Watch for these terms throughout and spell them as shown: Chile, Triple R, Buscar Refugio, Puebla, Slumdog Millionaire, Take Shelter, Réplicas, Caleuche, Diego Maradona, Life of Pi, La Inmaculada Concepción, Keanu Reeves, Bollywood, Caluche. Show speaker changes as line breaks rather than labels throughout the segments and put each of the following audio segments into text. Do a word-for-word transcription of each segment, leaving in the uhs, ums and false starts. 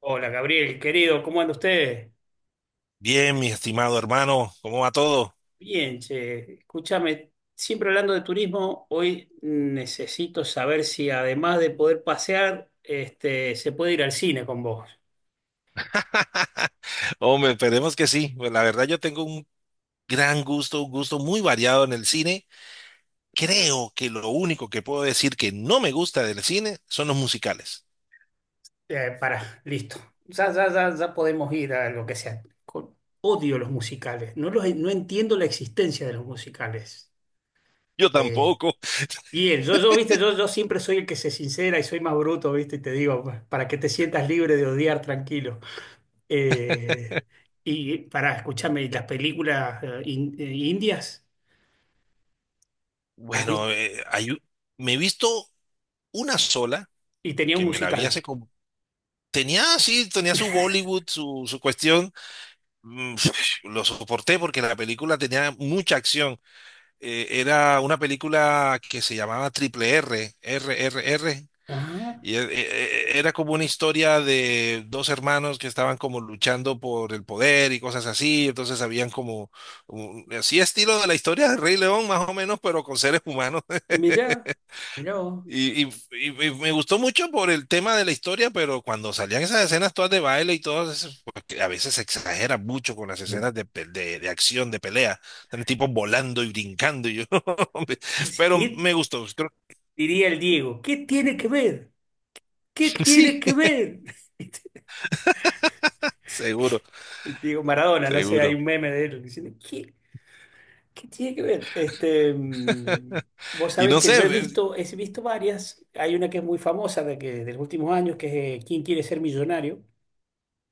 Hola Gabriel, querido, ¿cómo anda usted?
Bien, mi estimado hermano, ¿cómo va todo?
Bien, che, escúchame, siempre hablando de turismo, hoy necesito saber si además de poder pasear, este, se puede ir al cine con vos.
Hombre, esperemos que sí. Pues la verdad yo tengo un gran gusto, un gusto muy variado en el cine. Creo que lo único que puedo decir que no me gusta del cine son los musicales.
Eh, para, listo. Ya, ya, ya, ya podemos ir a lo que sea. Con- odio los musicales, no los, no entiendo la existencia de los musicales.
Yo
Eh,
tampoco.
bien, yo, yo, viste, yo, yo siempre soy el que se sincera y soy más bruto, viste, y te digo, para que te sientas libre de odiar tranquilo. Eh, y para escúchame, ¿y las películas eh, in- eh, indias? ¿Has vis-
Bueno, eh, hay u- me he visto una sola
Y tenía un
que me la vi hace
musical.
como... Tenía, sí, tenía su Bollywood, su, su cuestión. Mm, Lo soporté porque la película tenía mucha acción. eh, era una película que se llamaba Triple R, R R R,
Ah,
y e- e- era como una historia de dos hermanos que estaban como luchando por el poder y cosas así. Entonces habían como, un- así estilo de la historia del Rey León, más o menos, pero con seres humanos.
mirá, mirá vos.
Y, y- y- y me gustó mucho por el tema de la historia, pero cuando salían esas escenas todas de baile y todo eso, porque a veces se exagera mucho con las escenas de, pe- de, de acción, de pelea, están tipos volando y brincando, y yo, hombre,
Decís,
pero
¿qué
me gustó, creo.
diría el Diego? ¿Qué tiene que ver? ¿Qué
Sí,
tiene que ver?
seguro,
El Diego Maradona, no sé, hay
seguro.
un meme de él diciendo, ¿qué, qué tiene que ver? Este, mm, vos
Y
sabés
no
que yo
sé,
he
me-
visto, he visto varias. Hay una que es muy famosa de que, de los últimos años, que es eh, ¿Quién quiere ser millonario?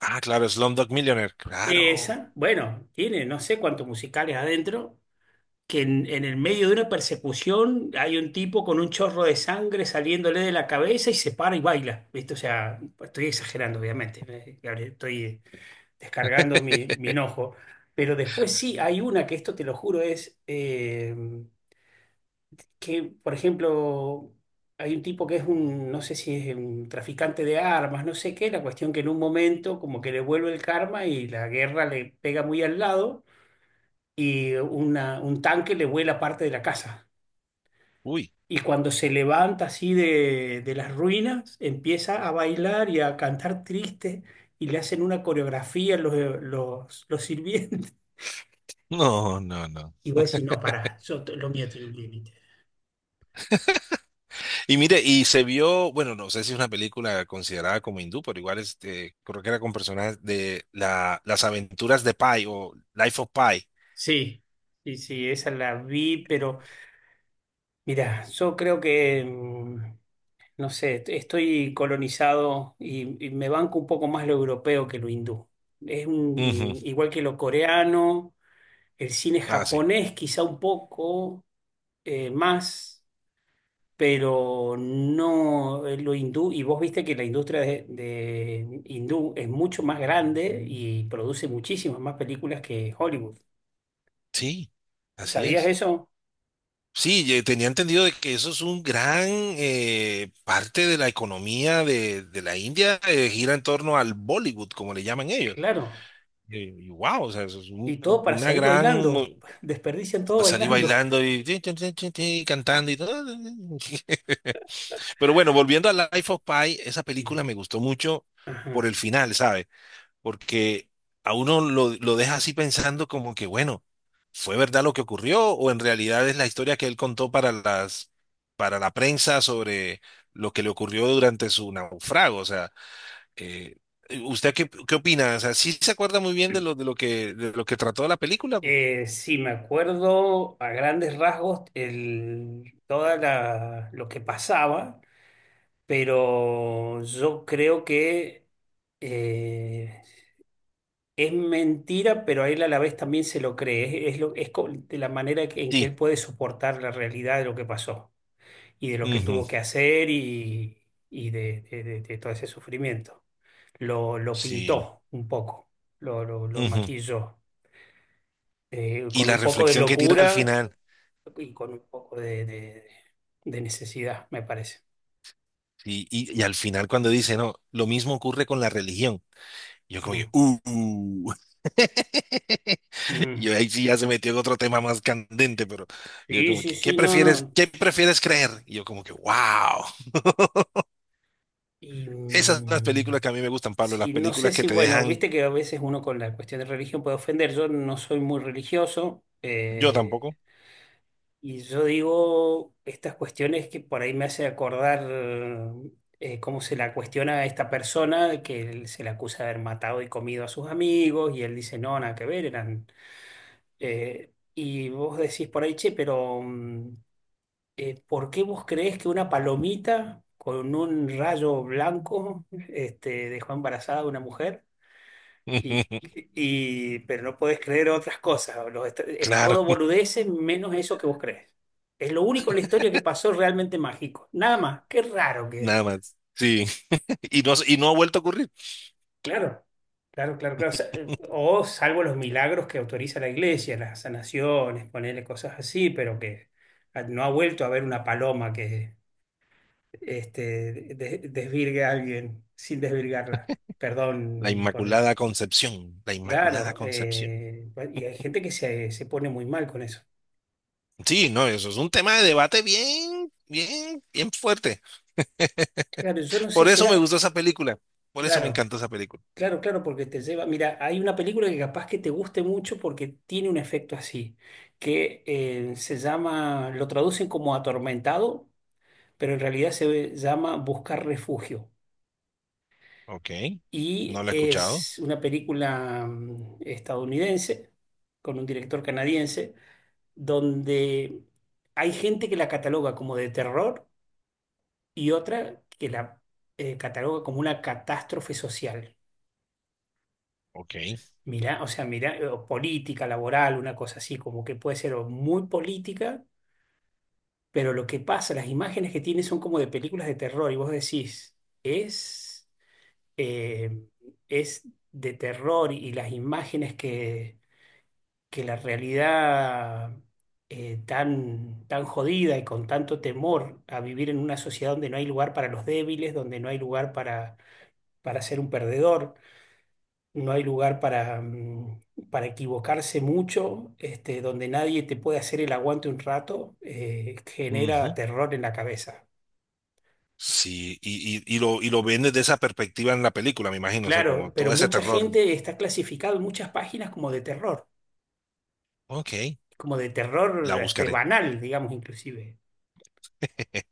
ah, claro, Slumdog Millionaire, claro,
Esa, bueno, tiene no sé cuántos musicales adentro, que en, en el medio de una persecución hay un tipo con un chorro de sangre saliéndole de la cabeza y se para y baila, ¿viste? O sea, estoy exagerando, obviamente, eh, Gabriel, estoy descargando mi, mi enojo, pero después sí, hay una que esto te lo juro es eh, que, por ejemplo, hay un tipo que es un, no sé si es un traficante de armas, no sé qué, la cuestión que en un momento como que le vuelve el karma y la guerra le pega muy al lado y una- un tanque le vuela parte de la casa.
uy,
Y cuando se levanta así de, de las ruinas, empieza a bailar y a cantar triste y le hacen una coreografía los, los, los sirvientes.
no, no, no.
Y voy a decir, no, pará, yo, t- lo mío tiene un límite.
Y mire, y se vio, bueno, no sé si es una película considerada como hindú, pero igual este, creo que era con personajes de la, las aventuras de Pi o Life of Pi.
Sí, sí, sí, esa la vi, pero mira, yo creo que, mm, no sé, est- estoy colonizado y, y me banco un poco más lo europeo que lo hindú. Es
Ujú.
un- igual que lo coreano. El cine
Ah, sí.
japonés quizá un poco eh, más, pero no eh, lo hindú. Y vos viste que la industria de, de hindú es mucho más grande y produce muchísimas más películas que Hollywood.
Sí, así
¿Sabías
es.
eso?
Sí, ye- tenía entendido de que eso es un gran eh, parte de la economía de, de la India, eh, gira en torno al Bollywood, como le llaman ellos.
Claro.
Eh, Y, wow, o sea, eso es un-
Y todo para
una
salir
gran... mo-
bailando. Desperdician todo
Salir
bailando.
bailando y tin, tin, tin, tin, tin, cantando y todo. Pero bueno, volviendo a Life of Pi, esa
Sí.
película me gustó mucho por
Ajá.
el final, ¿sabe? Porque a uno lo, lo deja así pensando como que, bueno, ¿fue verdad lo que ocurrió o en realidad es la historia que él contó para las, para la prensa sobre lo que le ocurrió durante su naufrago? O sea, eh, ¿usted qué, qué opina? O sea, ¿sí se acuerda muy bien de lo, de lo que, de lo que trató la película?
Eh, sí, me acuerdo a grandes rasgos el, toda la- lo que pasaba, pero yo creo que eh, es mentira, pero a él a la vez también se lo cree. Es, es lo, es co- De la manera que- en que él
Sí.
puede soportar la realidad de lo que pasó y de lo que tuvo
Ujú.
que hacer y, y de, de- de- de todo ese sufrimiento. Lo, lo
Sí.
pintó un poco, lo, lo, lo
Ujú.
maquilló, eh,
Y
con
la
un poco de
reflexión que tira al
locura
final.
y con un poco de, de- de necesidad, me parece.
Y, y, y al final cuando dice, no, lo mismo ocurre con la religión. Y yo como, que,
Mm,
uh, uh. Y
mm.
yo ahí sí ya se metió en otro tema más candente, pero yo
Sí,
como
sí,
que, ¿qué
sí, no,
prefieres,
no.
qué prefieres creer? Y yo como que, wow.
Y
Esas son las películas
mm,
que a mí me gustan, Pablo, las
sí, no sé
películas que
si,
te
bueno,
dejan.
viste que a veces uno con la cuestión de religión puede ofender. Yo no soy muy religioso,
Yo
eh,
tampoco.
y yo digo estas cuestiones que por ahí me hace acordar, eh, cómo se la cuestiona a esta persona que él se le acusa de haber matado y comido a sus amigos, y él dice, no, nada que ver, eran... eh, y vos decís por ahí, che, pero mm, eh, ¿por qué vos creés que una palomita con un rayo blanco, este, dejó embarazada a una mujer? Y, y- pero no podés creer otras cosas. los est- es
Claro,
todo boludeces menos eso que vos crees. Es lo único en la historia que pasó realmente mágico. Nada más. Qué raro que es.
nada más. Sí, y no, y no ha vuelto a ocurrir.
Claro, claro, claro, claro. Sa- O salvo los milagros que autoriza la iglesia, las sanaciones, ponerle cosas así, pero que ah, no ha vuelto a haber una paloma que, este, de- desvirgue a alguien sin desvirgarla.
La
Perdón por el...
Inmaculada Concepción, la Inmaculada
Claro,
Concepción.
eh, y hay gente que se, se pone muy mal con eso.
Sí, no, eso es un tema de debate bien, bien, bien fuerte.
Claro, yo no sé,
Por eso me
será...
gustó esa película. Por eso me
Claro,
encantó esa película.
claro, claro, porque te lleva... Mira, hay una película que capaz que te guste mucho porque tiene un efecto así, que eh, se llama, lo traducen como Atormentado, pero en realidad se llama Buscar Refugio.
Ok. No
Y
la he escuchado.
es una película mm, estadounidense con un director canadiense donde hay gente que la cataloga como de terror y otra que la eh, cataloga como una catástrofe social.
Ok.
Mirá, o sea, mirá, eh, o política, laboral, una cosa así, como que puede ser o muy política, pero lo que pasa, las imágenes que tiene son como de películas de terror y vos decís, es, eh, es de terror y las imágenes que que la realidad, eh, tan, tan jodida y con tanto temor a vivir en una sociedad donde no hay lugar para los débiles, donde no hay lugar para, para ser un perdedor, no hay lugar para, mm, para equivocarse mucho, este, donde nadie te puede hacer el aguante un rato, eh, genera
Ujú.
terror en la cabeza.
Sí, y, y, y lo, y lo ven desde esa perspectiva en la película, me imagino. O sea,
Claro,
como
pero
todo ese
mucha
terror.
gente está clasificado en muchas páginas como de terror,
Ok.
como de terror,
La
este,
buscaré.
banal, digamos, inclusive.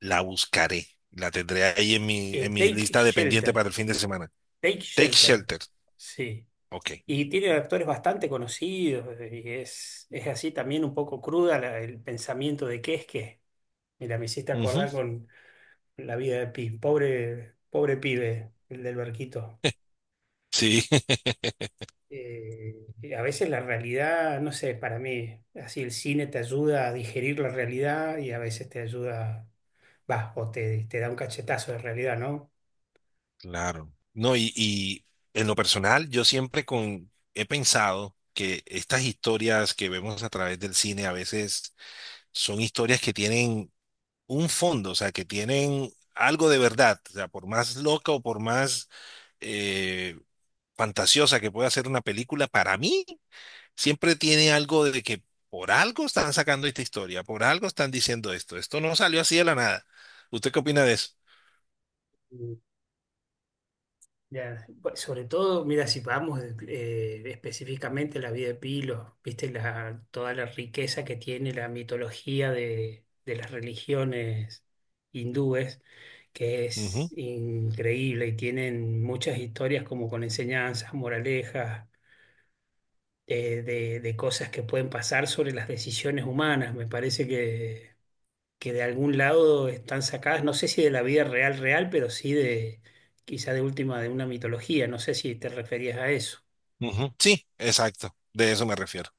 La buscaré. La tendré ahí en mi, en
Eh,
mi
Take
lista de pendiente
Shelter.
para el fin de semana.
Take
Take
Shelter,
Shelter.
sí.
Ok.
Y tiene actores bastante conocidos y es, es así también un poco cruda la- el pensamiento de qué es qué. Mira, me hiciste
Ujú.
acordar con La Vida de Pi, pobre, pobre pibe, el del barquito.
Sí,
Eh, y a veces la realidad, no sé, para mí, así el cine te ayuda a digerir la realidad y a veces te ayuda, va, o te, te da un cachetazo de realidad, ¿no?
claro. No, y, y en lo personal, yo siempre con, he pensado que estas historias que vemos a través del cine a veces son historias que tienen un fondo, o sea, que tienen algo de verdad. O sea, por más loca o por más eh, fantasiosa que pueda ser una película, para mí siempre tiene algo de que por algo están sacando esta historia, por algo están diciendo esto. Esto no salió así de la nada. ¿Usted qué opina de eso?
Ya, pues, sobre todo, mira, si vamos eh, específicamente a la vida de Pilo, viste la, toda la riqueza que tiene la mitología de, de las religiones hindúes, que
Ujú,
es increíble, y tienen muchas historias como con enseñanzas, moralejas, eh, de, de cosas que pueden pasar sobre las decisiones humanas. Me parece que que de algún lado están sacadas, no sé si de la vida real real, pero sí de, quizá de última, de una mitología, no sé si te referías a eso,
ujú. Sí, exacto. De eso me refiero.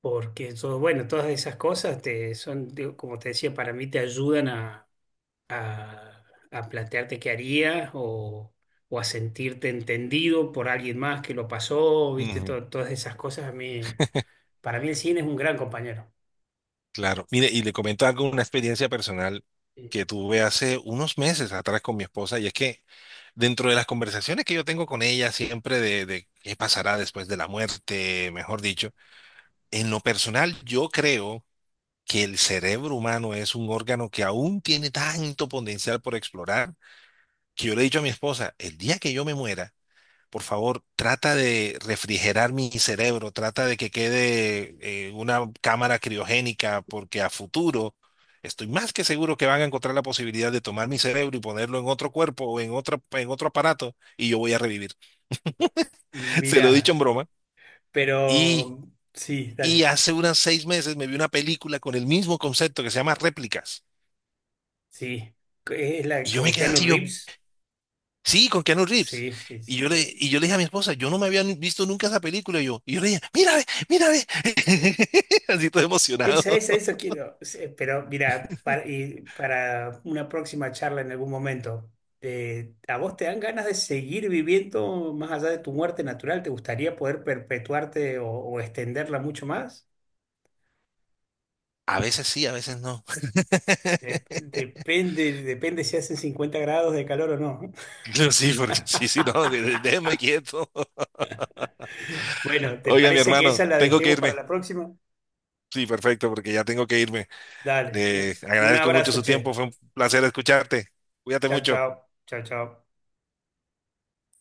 porque todo, bueno, todas esas cosas te son, digo, como te decía, para mí te ayudan a, a, a plantearte qué harías, o, o a sentirte entendido por alguien más que lo pasó, viste.
Ujú.
To- todas esas cosas, a mí, para mí el cine es un gran compañero.
Claro, mire, y le comento algo, una experiencia personal
Sí.
que tuve hace unos meses atrás con mi esposa, y es que dentro de las conversaciones que yo tengo con ella siempre de, de qué pasará después de la muerte, mejor dicho, en lo personal yo creo que el cerebro humano es un órgano que aún tiene tanto potencial por explorar, que yo le he dicho a mi esposa, el día que yo me muera, por favor, trata de refrigerar mi cerebro, trata de que quede eh, una cámara criogénica, porque a futuro estoy más que seguro que van a encontrar la posibilidad de tomar mi cerebro y ponerlo en otro cuerpo o en otro, en otro aparato y yo voy a revivir. Se lo he dicho
Mira,
en broma. Y,
pero sí,
y
dale.
hace unas seis meses me vi una película con el mismo concepto que se llama Réplicas.
Sí, es la
Y yo me
con
quedé
Keanu
así, yo,
Reeves.
sí, con Keanu Reeves.
Sí, sí,
Y yo le,
sí.
y yo le dije a mi esposa, yo no me había visto nunca esa película. Y yo, y yo le dije, mira, ve, mira, ve. Así todo emocionado.
Esa, esa, esa quiero. Sí, pero mira, para, y para una próxima charla en algún momento, eh, ¿a vos te dan ganas de seguir viviendo más allá de tu muerte natural? ¿Te gustaría poder perpetuarte, o, o extenderla mucho más?
A veces sí, a veces no.
Dep- depende, depende si hacen cincuenta grados de calor o no.
Yo, Sí, porque sí, sí, no, de- de- déjeme quieto.
Bueno, ¿te
Oiga, mi
parece que esa
hermano,
la
tengo que
dejemos para
irme.
la próxima?
Sí, perfecto, porque ya tengo que irme.
Dale,
Eh,
un un
agradezco mucho
abrazo,
su tiempo,
che.
fue un placer escucharte. Cuídate
Chao,
mucho.
chao, chao, chao.